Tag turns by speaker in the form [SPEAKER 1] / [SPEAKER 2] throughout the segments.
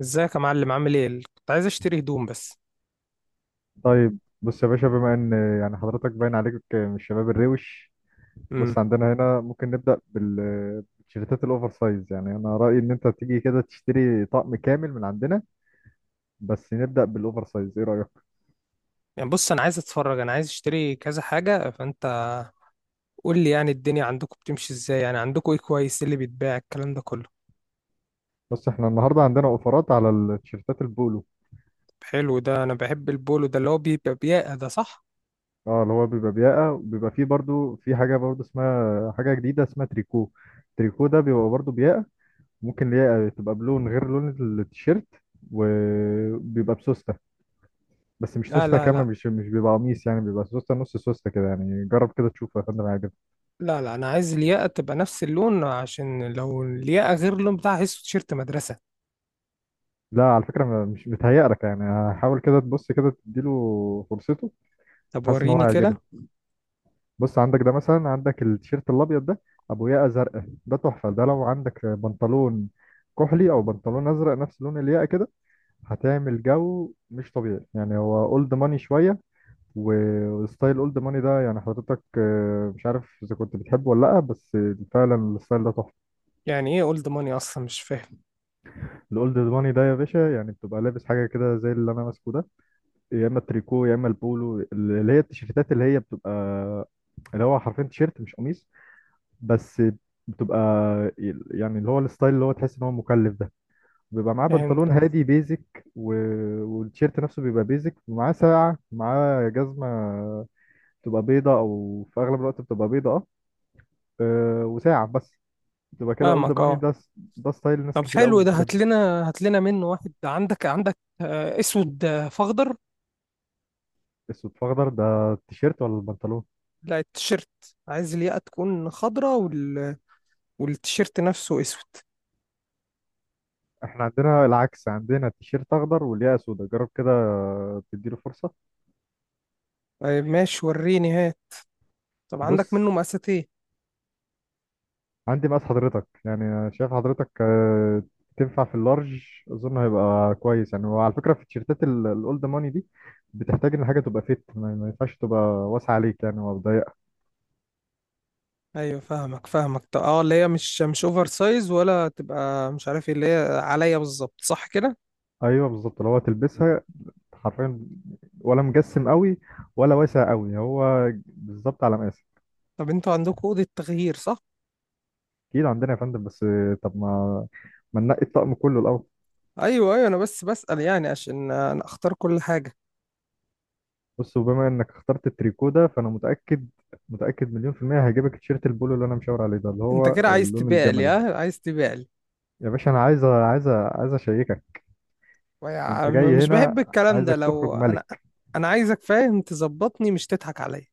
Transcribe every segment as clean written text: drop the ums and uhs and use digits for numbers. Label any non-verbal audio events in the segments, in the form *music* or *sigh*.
[SPEAKER 1] ازيك يا معلم؟ عامل ايه؟ كنت عايز اشتري هدوم بس.
[SPEAKER 2] طيب، بص يا باشا. بما ان يعني حضرتك باين عليك من الشباب الروش.
[SPEAKER 1] امم
[SPEAKER 2] بص عندنا هنا ممكن نبدأ بالتيشيرتات الاوفر سايز. يعني انا رأيي ان انت تيجي كده تشتري طقم كامل من عندنا، بس نبدأ بالاوفر سايز. ايه رأيك؟
[SPEAKER 1] يعني بص، انا عايز اتفرج، انا عايز اشتري كذا حاجه، فانت قول لي يعني الدنيا عندكم بتمشي ازاي، يعني عندكم ايه كويس، إيه اللي بيتباع الكلام ده كله؟
[SPEAKER 2] بص احنا النهارده عندنا اوفرات على التيشيرتات البولو.
[SPEAKER 1] طب حلو، ده انا بحب البولو ده اللي هو بيبقى بياقه، ده صح؟
[SPEAKER 2] اه، اللي هو بيبقى بياقة وبيبقى فيه برضو، في حاجة برضو اسمها حاجة جديدة اسمها تريكو. التريكو ده بيبقى برضو بياقة. ممكن الياقة تبقى بلون غير لون التيشيرت، وبيبقى بسوستة. بس مش
[SPEAKER 1] لا
[SPEAKER 2] سوسته
[SPEAKER 1] لا
[SPEAKER 2] كامله،
[SPEAKER 1] لا،
[SPEAKER 2] مش بيبقى قميص، يعني بيبقى سوسته نص سوسته كده. يعني جرب كده تشوف يا فندم، هيعجبك.
[SPEAKER 1] لا لا، انا عايز الياقه تبقى نفس اللون، عشان لو الياقه غير اللون بتاعها هيسو تيشيرت مدرسه.
[SPEAKER 2] لا على فكره، مش متهيألك. يعني حاول كده تبص كده تديله فرصته.
[SPEAKER 1] طب
[SPEAKER 2] حاسس ان هو
[SPEAKER 1] وريني
[SPEAKER 2] هيعجبك.
[SPEAKER 1] كده.
[SPEAKER 2] بص عندك ده مثلا، عندك التيشيرت الابيض ده ابو ياقه زرقاء، ده تحفه. ده لو عندك بنطلون كحلي او بنطلون ازرق نفس لون الياقه كده، هتعمل جو مش طبيعي. يعني هو اولد ماني شويه، وستايل اولد ماني ده يعني حضرتك مش عارف اذا كنت بتحبه ولا لا، بس فعلا الستايل ده تحفه.
[SPEAKER 1] يعني ايه اولد ماني اصلا؟ مش فاهم.
[SPEAKER 2] الاولد ماني ده يا باشا، يعني بتبقى لابس حاجه كده زي اللي انا ماسكه ده. يا اما التريكو يا اما البولو، اللي هي التيشيرتات اللي هي بتبقى، اللي هو حرفيا تيشيرت مش قميص بس. بتبقى يعني اللي هو الستايل اللي هو تحس ان هو مكلف ده، بيبقى معاه بنطلون
[SPEAKER 1] فهمتك،
[SPEAKER 2] هادي بيزك و... والتيشيرت نفسه بيبقى بيزك، ومعاه ساعة، معاه جزمة بتبقى بيضة او في اغلب الوقت بتبقى بيضة. اه، وساعة بس. بتبقى كده اولد
[SPEAKER 1] فاهمك،
[SPEAKER 2] ماني
[SPEAKER 1] اه.
[SPEAKER 2] ده. ده ستايل ناس
[SPEAKER 1] طب
[SPEAKER 2] كتير قوي
[SPEAKER 1] حلو، ده هات
[SPEAKER 2] بتحب.
[SPEAKER 1] لنا هات لنا منه واحد. عندك اسود فاخضر؟
[SPEAKER 2] اسود في اخضر، ده التيشيرت ولا البنطلون؟
[SPEAKER 1] لا، التيشيرت. عايز الياقة تكون خضرة، والتيشيرت نفسه اسود.
[SPEAKER 2] احنا عندنا العكس، عندنا تيشيرت اخضر والياقة سودا، جرب كده تديله فرصة.
[SPEAKER 1] طيب ماشي، وريني، هات. طب عندك
[SPEAKER 2] بص
[SPEAKER 1] منه مقاسات ايه؟
[SPEAKER 2] عندي مقاس حضرتك. يعني شايف حضرتك تنفع في اللارج. اظن هيبقى كويس. يعني وعلى فكرة في التيشيرتات الاولد ماني دي بتحتاج ان حاجة تبقى فيت، ما ما ينفعش تبقى واسعة عليك يعني، وضيقة.
[SPEAKER 1] ايوه، فاهمك فاهمك. طب، اه، اللي هي مش اوفر سايز ولا تبقى، مش عارف ايه، اللي هي عليا بالظبط، صح كده؟
[SPEAKER 2] ايوه بالظبط لو هتلبسها حرفيا، ولا مجسم قوي ولا واسع قوي، هو بالظبط على مقاسك.
[SPEAKER 1] طب انتوا عندكم اوضه تغيير، صح؟
[SPEAKER 2] اكيد عندنا يا فندم، بس طب ما ما ننقي الطقم كله الاول.
[SPEAKER 1] ايوه ايوه، انا بس بسأل، يعني عشان انا اختار كل حاجه.
[SPEAKER 2] بص وبما انك اخترت التريكو ده، فانا متاكد متاكد 1,000,000% هيعجبك التيشيرت البولو اللي انا مشاور عليه ده اللي
[SPEAKER 1] انت
[SPEAKER 2] هو
[SPEAKER 1] كده عايز
[SPEAKER 2] اللون
[SPEAKER 1] تبيع لي؟
[SPEAKER 2] الجملي.
[SPEAKER 1] ها؟ عايز تبيع.
[SPEAKER 2] يا باشا انا عايز عايز اشيكك.
[SPEAKER 1] يا
[SPEAKER 2] انت
[SPEAKER 1] عم،
[SPEAKER 2] جاي
[SPEAKER 1] مش بحب
[SPEAKER 2] هنا،
[SPEAKER 1] الكلام ده،
[SPEAKER 2] عايزك
[SPEAKER 1] لو
[SPEAKER 2] تخرج
[SPEAKER 1] انا.
[SPEAKER 2] ملك.
[SPEAKER 1] انا عايزك فاهم، تظبطني، مش تضحك عليا.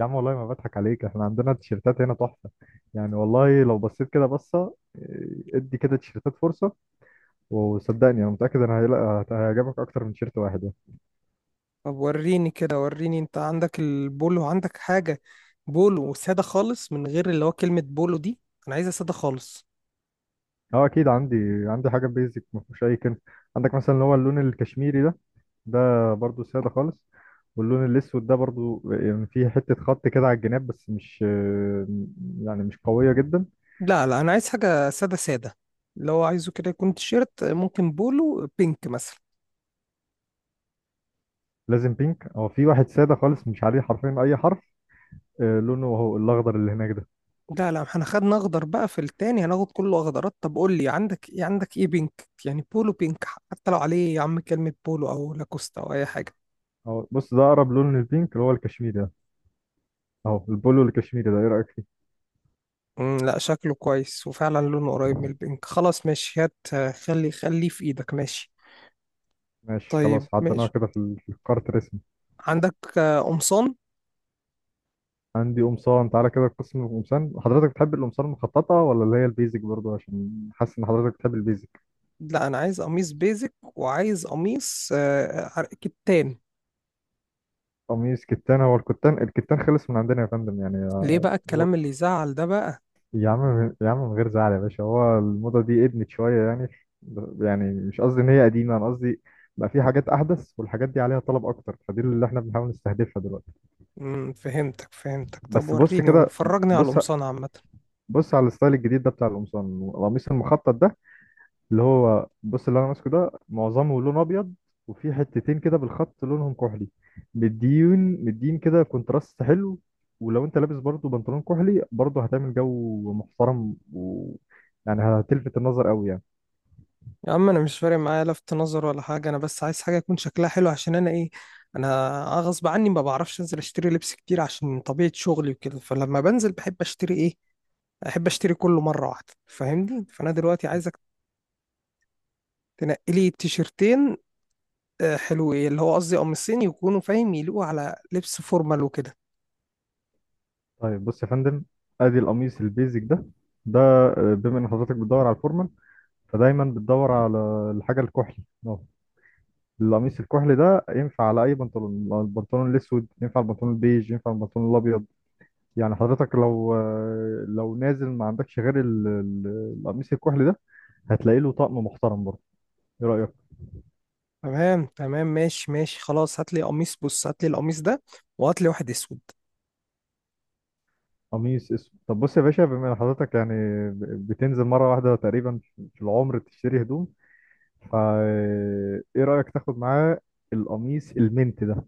[SPEAKER 2] يا عم والله ما بضحك عليك، احنا عندنا تيشيرتات هنا تحفه. يعني والله لو بصيت كده بصه، إيه، ادي كده تيشيرتات فرصه. وصدقني انا متاكد ان هيعجبك اكتر من تيشيرت واحد يعني.
[SPEAKER 1] طب وريني كده، وريني، انت عندك البولو؟ عندك حاجة بولو سادة خالص، من غير اللي هو كلمة بولو دي، انا عايزها سادة خالص.
[SPEAKER 2] اه اكيد عندي. عندي حاجه بيزك ما فيهوش اي كلمه. عندك مثلا اللي هو اللون الكشميري ده، ده برضو سادة خالص. واللون الأسود ده برضو يعني فيه حتة خط كده على الجناب، بس مش يعني مش قوية جدا.
[SPEAKER 1] لا لا، انا عايز حاجة سادة سادة، اللي هو عايزه كده يكون تيشيرت، ممكن بولو بينك مثلا.
[SPEAKER 2] لازم بينك؟ هو في واحد سادة خالص مش عليه حرفيا أي حرف، لونه هو الأخضر اللي هناك ده.
[SPEAKER 1] لا لا، احنا خدنا اخضر، بقى في التاني هناخد كله اخضرات. طب قول لي عندك ايه، عندك ايه بينك، يعني بولو بينك، حتى لو عليه يا عم كلمة بولو او لاكوستا او اي حاجة.
[SPEAKER 2] أهو بص، ده أقرب لون للبينك اللي هو الكشميري ده. أهو البولو الكشميري ده، إيه رأيك فيه؟
[SPEAKER 1] لا، شكله كويس، وفعلا لونه قريب من البنك، خلاص ماشي. هات خليه في ايدك، ماشي.
[SPEAKER 2] ماشي
[SPEAKER 1] طيب
[SPEAKER 2] خلاص، عديناها
[SPEAKER 1] ماشي.
[SPEAKER 2] كده في في الكارت رسمي.
[SPEAKER 1] عندك قمصان؟
[SPEAKER 2] عندي قمصان، تعالى كده قسم القمصان. حضرتك بتحب القمصان المخططة ولا اللي هي البيزك؟ برضو عشان حاسس إن حضرتك بتحب البيزك.
[SPEAKER 1] لا، انا عايز قميص بيزك، وعايز قميص كتان.
[SPEAKER 2] قميص كتان، هو الكتان، الكتان خلص من عندنا يا فندم يعني
[SPEAKER 1] ليه بقى الكلام اللي يزعل ده بقى؟
[SPEAKER 2] يا عم يا عم من غير زعل يا باشا، هو الموضة دي ادمت شوية يعني. يعني مش قصدي ان هي قديمة، انا قصدي بقى في حاجات احدث، والحاجات دي عليها طلب اكتر، فدي اللي احنا بنحاول نستهدفها دلوقتي.
[SPEAKER 1] فهمتك فهمتك. طب
[SPEAKER 2] بس بص
[SPEAKER 1] وريني،
[SPEAKER 2] كده،
[SPEAKER 1] فرجني على
[SPEAKER 2] بص،
[SPEAKER 1] القمصان عامة.
[SPEAKER 2] بص على الستايل الجديد ده بتاع القمصان. القميص المخطط ده اللي هو بص، اللي انا ماسكه ده معظمه لون ابيض، وفي حتتين كده بالخط لونهم كحلي. مديون، مدين كده، كونتراست حلو. ولو انت لابس برضو بنطلون كحلي برضو، هتعمل جو محترم، و يعني هتلفت النظر قوي يعني.
[SPEAKER 1] يا عم، انا مش فارق معايا لفت نظر ولا حاجة، انا بس عايز حاجة يكون شكلها حلو، عشان انا ايه، انا غصب عني ما بعرفش انزل اشتري لبس كتير، عشان طبيعة شغلي وكده، فلما بنزل بحب اشتري ايه، احب اشتري كله مره واحده، فاهمني. فانا دلوقتي عايزك تنقي لي تيشرتين حلوين، اللي هو قصدي قميصين، يكونوا فاهم يليقوا على لبس فورمال وكده.
[SPEAKER 2] طيب بص يا فندم، ادي القميص البيزك ده. ده بما ان حضرتك بتدور على الفورمال، فدايما بتدور على الحاجه الكحلي. اه، القميص الكحلي ده ينفع على اي بنطلون. البنطلون الاسود ينفع، البنطلون البيج ينفع، البنطلون الابيض. يعني حضرتك لو نازل ما عندكش غير القميص الكحلي ده، هتلاقي له طقم محترم برضه. ايه رأيك؟
[SPEAKER 1] تمام تمام، ماشي ماشي، خلاص. هات لي قميص، بص، هات لي القميص ده، وهات لي واحد اسود.
[SPEAKER 2] قميص اسود، طب بص يا باشا، بما ان حضرتك يعني بتنزل مرة واحدة تقريبا في العمر تشتري هدوم، فا ايه رأيك تاخد معاه القميص المنت ده.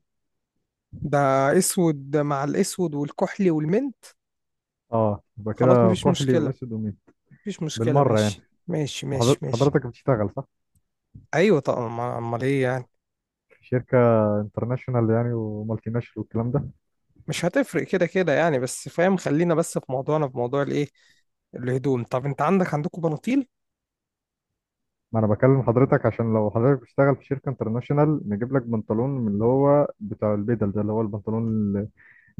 [SPEAKER 1] ده؟ اسود مع الاسود والكحلي والمنت؟
[SPEAKER 2] اه يبقى
[SPEAKER 1] خلاص،
[SPEAKER 2] كده
[SPEAKER 1] مفيش
[SPEAKER 2] كحلي
[SPEAKER 1] مشكله،
[SPEAKER 2] واسود ومنت،
[SPEAKER 1] مفيش مشكله،
[SPEAKER 2] بالمرة يعني.
[SPEAKER 1] ماشي ماشي ماشي ماشي.
[SPEAKER 2] حضرتك بتشتغل صح؟
[SPEAKER 1] ايوه. طب امال ايه يعني؟
[SPEAKER 2] في شركة انترناشونال يعني، ومالتي ناشونال والكلام ده.
[SPEAKER 1] مش هتفرق كده كده يعني، بس فاهم، خلينا بس في موضوعنا، في موضوع الايه، الهدوم. طب انت عندكم بناطيل؟
[SPEAKER 2] ما انا بكلم حضرتك عشان لو حضرتك بتشتغل في شركة انترناشونال، نجيب لك بنطلون من اللي هو بتاع البدل ده، اللي هو البنطلون ال-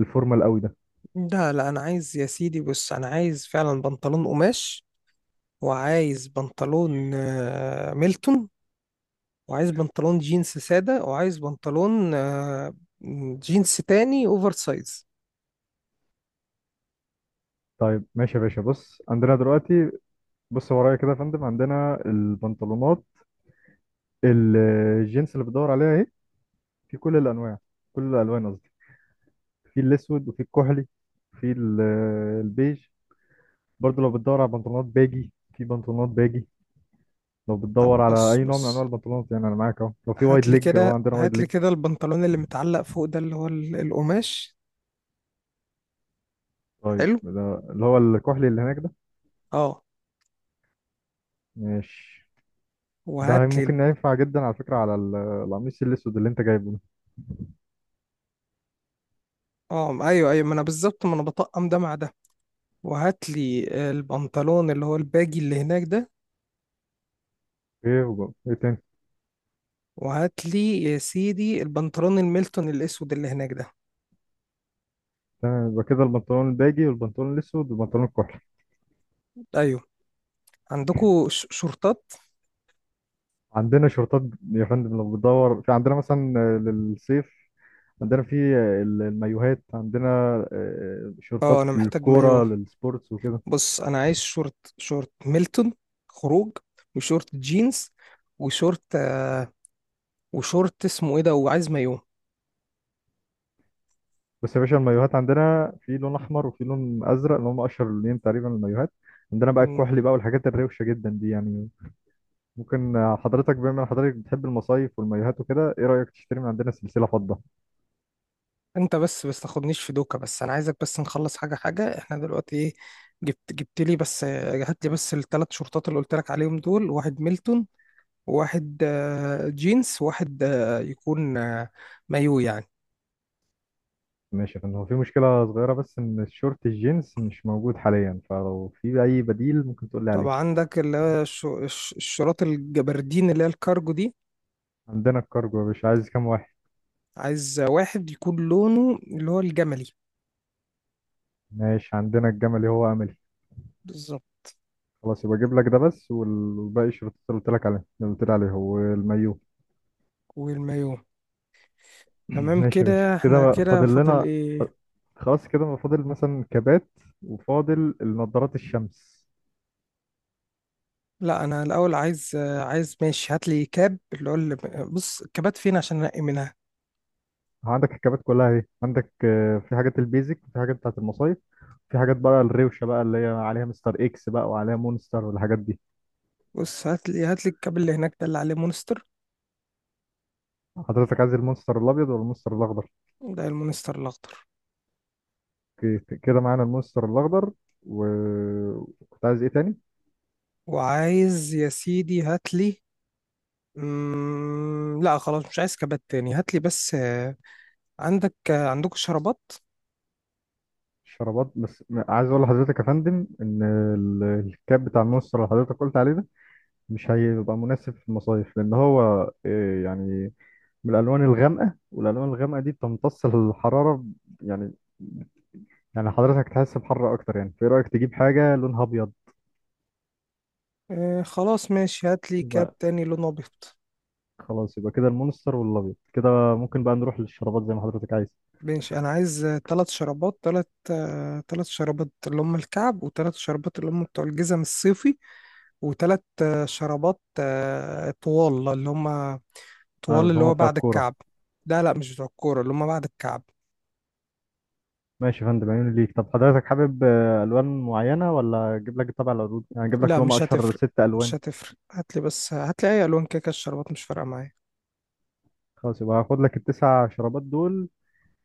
[SPEAKER 2] الفورمال قوي ده.
[SPEAKER 1] لا لا، انا عايز يا سيدي، بص، انا عايز فعلا بنطلون قماش، وعايز بنطلون ميلتون، وعايز بنطلون جينز سادة، وعايز بنطلون جينز تاني اوفر سايز.
[SPEAKER 2] طيب ماشي يا باشا، بص عندنا دلوقتي. بص ورايا كده يا فندم، عندنا البنطلونات ال- الجينز اللي بتدور عليها اهي، في كل الانواع، كل الالوان قصدي. في الاسود، وفي الكحلي، في البيج. برضه لو بتدور على بنطلونات باجي، في بنطلونات باجي. لو
[SPEAKER 1] طب،
[SPEAKER 2] بتدور على
[SPEAKER 1] بص
[SPEAKER 2] اي نوع من انواع
[SPEAKER 1] بص،
[SPEAKER 2] البنطلونات، يعني انا معاك اهو. لو في
[SPEAKER 1] هات
[SPEAKER 2] وايد
[SPEAKER 1] لي
[SPEAKER 2] ليج، اهو
[SPEAKER 1] كده،
[SPEAKER 2] عندنا وايد
[SPEAKER 1] هات لي
[SPEAKER 2] ليج.
[SPEAKER 1] كده البنطلون اللي متعلق فوق ده اللي هو القماش.
[SPEAKER 2] طيب
[SPEAKER 1] حلو،
[SPEAKER 2] ده اللي هو الكحلي اللي هناك ده.
[SPEAKER 1] اه.
[SPEAKER 2] ماشي. ده
[SPEAKER 1] وهات لي.
[SPEAKER 2] ممكن ينفع جدا على فكرة على القميص الأسود اللي أنت جايبه ده.
[SPEAKER 1] اه، ايوه ايوه، ما انا بالظبط، ما انا بطقم ده مع ده. وهات لي البنطلون اللي هو الباجي اللي هناك ده.
[SPEAKER 2] إيه إيه تاني؟
[SPEAKER 1] وهات لي يا سيدي البنطلون الميلتون الاسود اللي هناك ده.
[SPEAKER 2] تمام، يبقى كده البنطلون الباجي والبنطلون الأسود والبنطلون الكحلي.
[SPEAKER 1] ايوه. عندكو شورتات؟
[SPEAKER 2] عندنا شورتات يا فندم، لو بتدور في عندنا مثلا للصيف، عندنا في المايوهات، عندنا
[SPEAKER 1] اه،
[SPEAKER 2] شورتات
[SPEAKER 1] انا محتاج
[SPEAKER 2] للكورة
[SPEAKER 1] مايو.
[SPEAKER 2] للسبورتس وكده.
[SPEAKER 1] بص، انا عايز شورت ميلتون خروج، وشورت جينز، وشورت وشورت اسمه ايه ده، وعايز مايو.
[SPEAKER 2] بس يا باشا المايوهات عندنا في لون أحمر وفي لون أزرق، اللي هم أشهر لونين تقريبا المايوهات. عندنا بقى
[SPEAKER 1] مم.
[SPEAKER 2] الكحلي بقى والحاجات الروشة جدا دي يعني. ممكن حضرتك بما ان حضرتك بتحب المصايف والمايوهات وكده، ايه رأيك تشتري من عندنا سلسلة فضة؟
[SPEAKER 1] انت بس تاخدنيش في دوكا، بس انا عايزك بس نخلص حاجه حاجه. احنا دلوقتي ايه، جبت لي بس، هات لي بس الثلاث شورتات اللي قلت لك عليهم دول: واحد ميلتون، وواحد جينز، وواحد يكون مايو يعني.
[SPEAKER 2] ماشي، ان هو في مشكلة صغيرة بس، ان الشورت الجينز مش موجود حاليا، فلو في اي بديل ممكن تقول لي
[SPEAKER 1] طب
[SPEAKER 2] عليه.
[SPEAKER 1] عندك اللي هو الشراط الجبردين اللي هي الكارجو دي؟
[SPEAKER 2] عندنا الكارجو يا باشا، عايز كام واحد؟
[SPEAKER 1] عايز واحد يكون لونه اللي هو الجملي.
[SPEAKER 2] ماشي عندنا الجملي، هو املي.
[SPEAKER 1] بالظبط.
[SPEAKER 2] خلاص يبقى اجيب لك ده بس، والباقي الشورت اللي قلت لك عليه، اللي قلت لي عليه هو المايو.
[SPEAKER 1] والمايو.
[SPEAKER 2] *clears throat*
[SPEAKER 1] تمام
[SPEAKER 2] ماشي يا باشا،
[SPEAKER 1] كده،
[SPEAKER 2] كده
[SPEAKER 1] احنا
[SPEAKER 2] بقى
[SPEAKER 1] كده
[SPEAKER 2] فاضل
[SPEAKER 1] فاضل
[SPEAKER 2] لنا.
[SPEAKER 1] ايه؟
[SPEAKER 2] خلاص كده بقى فاضل مثلا كبات، وفاضل النضارات الشمس.
[SPEAKER 1] لا، انا الاول عايز ماشي. هات لي كاب اللي هو اللي بص، الكابات فين عشان انقي منها؟
[SPEAKER 2] أه، عندك الكبات كلها اهي. عندك في حاجات البيزك، في حاجات بتاعت المصايف، في حاجات بقى الروشه بقى اللي هي عليها مستر اكس بقى، وعليها مونستر والحاجات دي.
[SPEAKER 1] بص، هات لي هات لي الكاب اللي هناك ده اللي عليه مونستر.
[SPEAKER 2] حضرتك عايز المونستر الابيض ولا المونستر الاخضر؟
[SPEAKER 1] ده المونستر الاخضر.
[SPEAKER 2] كده معانا المونستر الاخضر. وكنت عايز ايه تاني؟
[SPEAKER 1] وعايز يا سيدي، هات لي. لا خلاص، مش عايز كابات تاني. هات لي بس، عندك عندكم شرابات؟
[SPEAKER 2] الشرابات، بس عايز اقول لحضرتك يا فندم ان الكاب بتاع المونستر اللي حضرتك قلت عليه ده مش هيبقى مناسب في المصايف، لان هو يعني من الالوان الغامقه، والالوان الغامقه دي بتمتص الحراره يعني. يعني حضرتك تحس بحر اكتر يعني، في رايك تجيب حاجه لونها ابيض.
[SPEAKER 1] آه، خلاص ماشي، هات لي كاب
[SPEAKER 2] يبقى
[SPEAKER 1] تاني لونه ابيض.
[SPEAKER 2] خلاص، يبقى كده المونستر والابيض كده. ممكن بقى نروح للشرابات زي ما حضرتك عايز.
[SPEAKER 1] ماشي، انا عايز 3 شرابات، ثلاث شرابات اللي هم الكعب، و3 شرابات اللي هم بتوع الجزم الصيفي، و3 شرابات طوال اللي هم طوال
[SPEAKER 2] طيب
[SPEAKER 1] اللي
[SPEAKER 2] هما
[SPEAKER 1] هو
[SPEAKER 2] بتوع
[SPEAKER 1] بعد
[SPEAKER 2] الكوره؟
[SPEAKER 1] الكعب. لا لا، مش بتوع الكورة، اللي هم بعد الكعب.
[SPEAKER 2] ماشي يا فندم، عيوني ليك. طب حضرتك حابب الوان معينه ولا اجيب لك طبع العروض؟ يعني اجيب لك
[SPEAKER 1] لا،
[SPEAKER 2] اللي هم
[SPEAKER 1] مش
[SPEAKER 2] اشهر
[SPEAKER 1] هتفرق،
[SPEAKER 2] ست
[SPEAKER 1] مش
[SPEAKER 2] الوان.
[SPEAKER 1] هتفرق، هات لي بس، هات لي اي الوان كيكه، الشرابات مش فارقه معايا.
[SPEAKER 2] خلاص يبقى هاخد لك التسع شرابات دول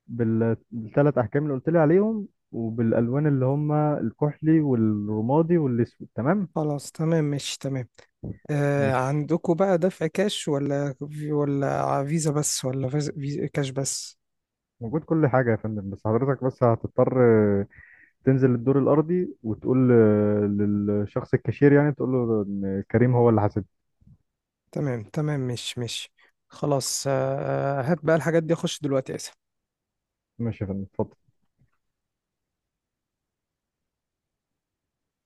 [SPEAKER 2] بالثلاث احجام اللي قلت لي عليهم، وبالالوان اللي هم الكحلي والرمادي والاسود، تمام.
[SPEAKER 1] خلاص تمام ماشي تمام. آه،
[SPEAKER 2] ماشي.
[SPEAKER 1] عندكم بقى دفع كاش ولا، ولا فيزا بس، ولا فيزا كاش بس؟
[SPEAKER 2] موجود كل حاجه يا فندم، بس حضرتك بس هتضطر تنزل الدور الارضي وتقول للشخص الكاشير، يعني تقول له ان كريم هو اللي حاسب.
[SPEAKER 1] تمام تمام، مش، خلاص هات بقى الحاجات دي، اخش دلوقتي، اسف.
[SPEAKER 2] ماشي يا فندم، اتفضل.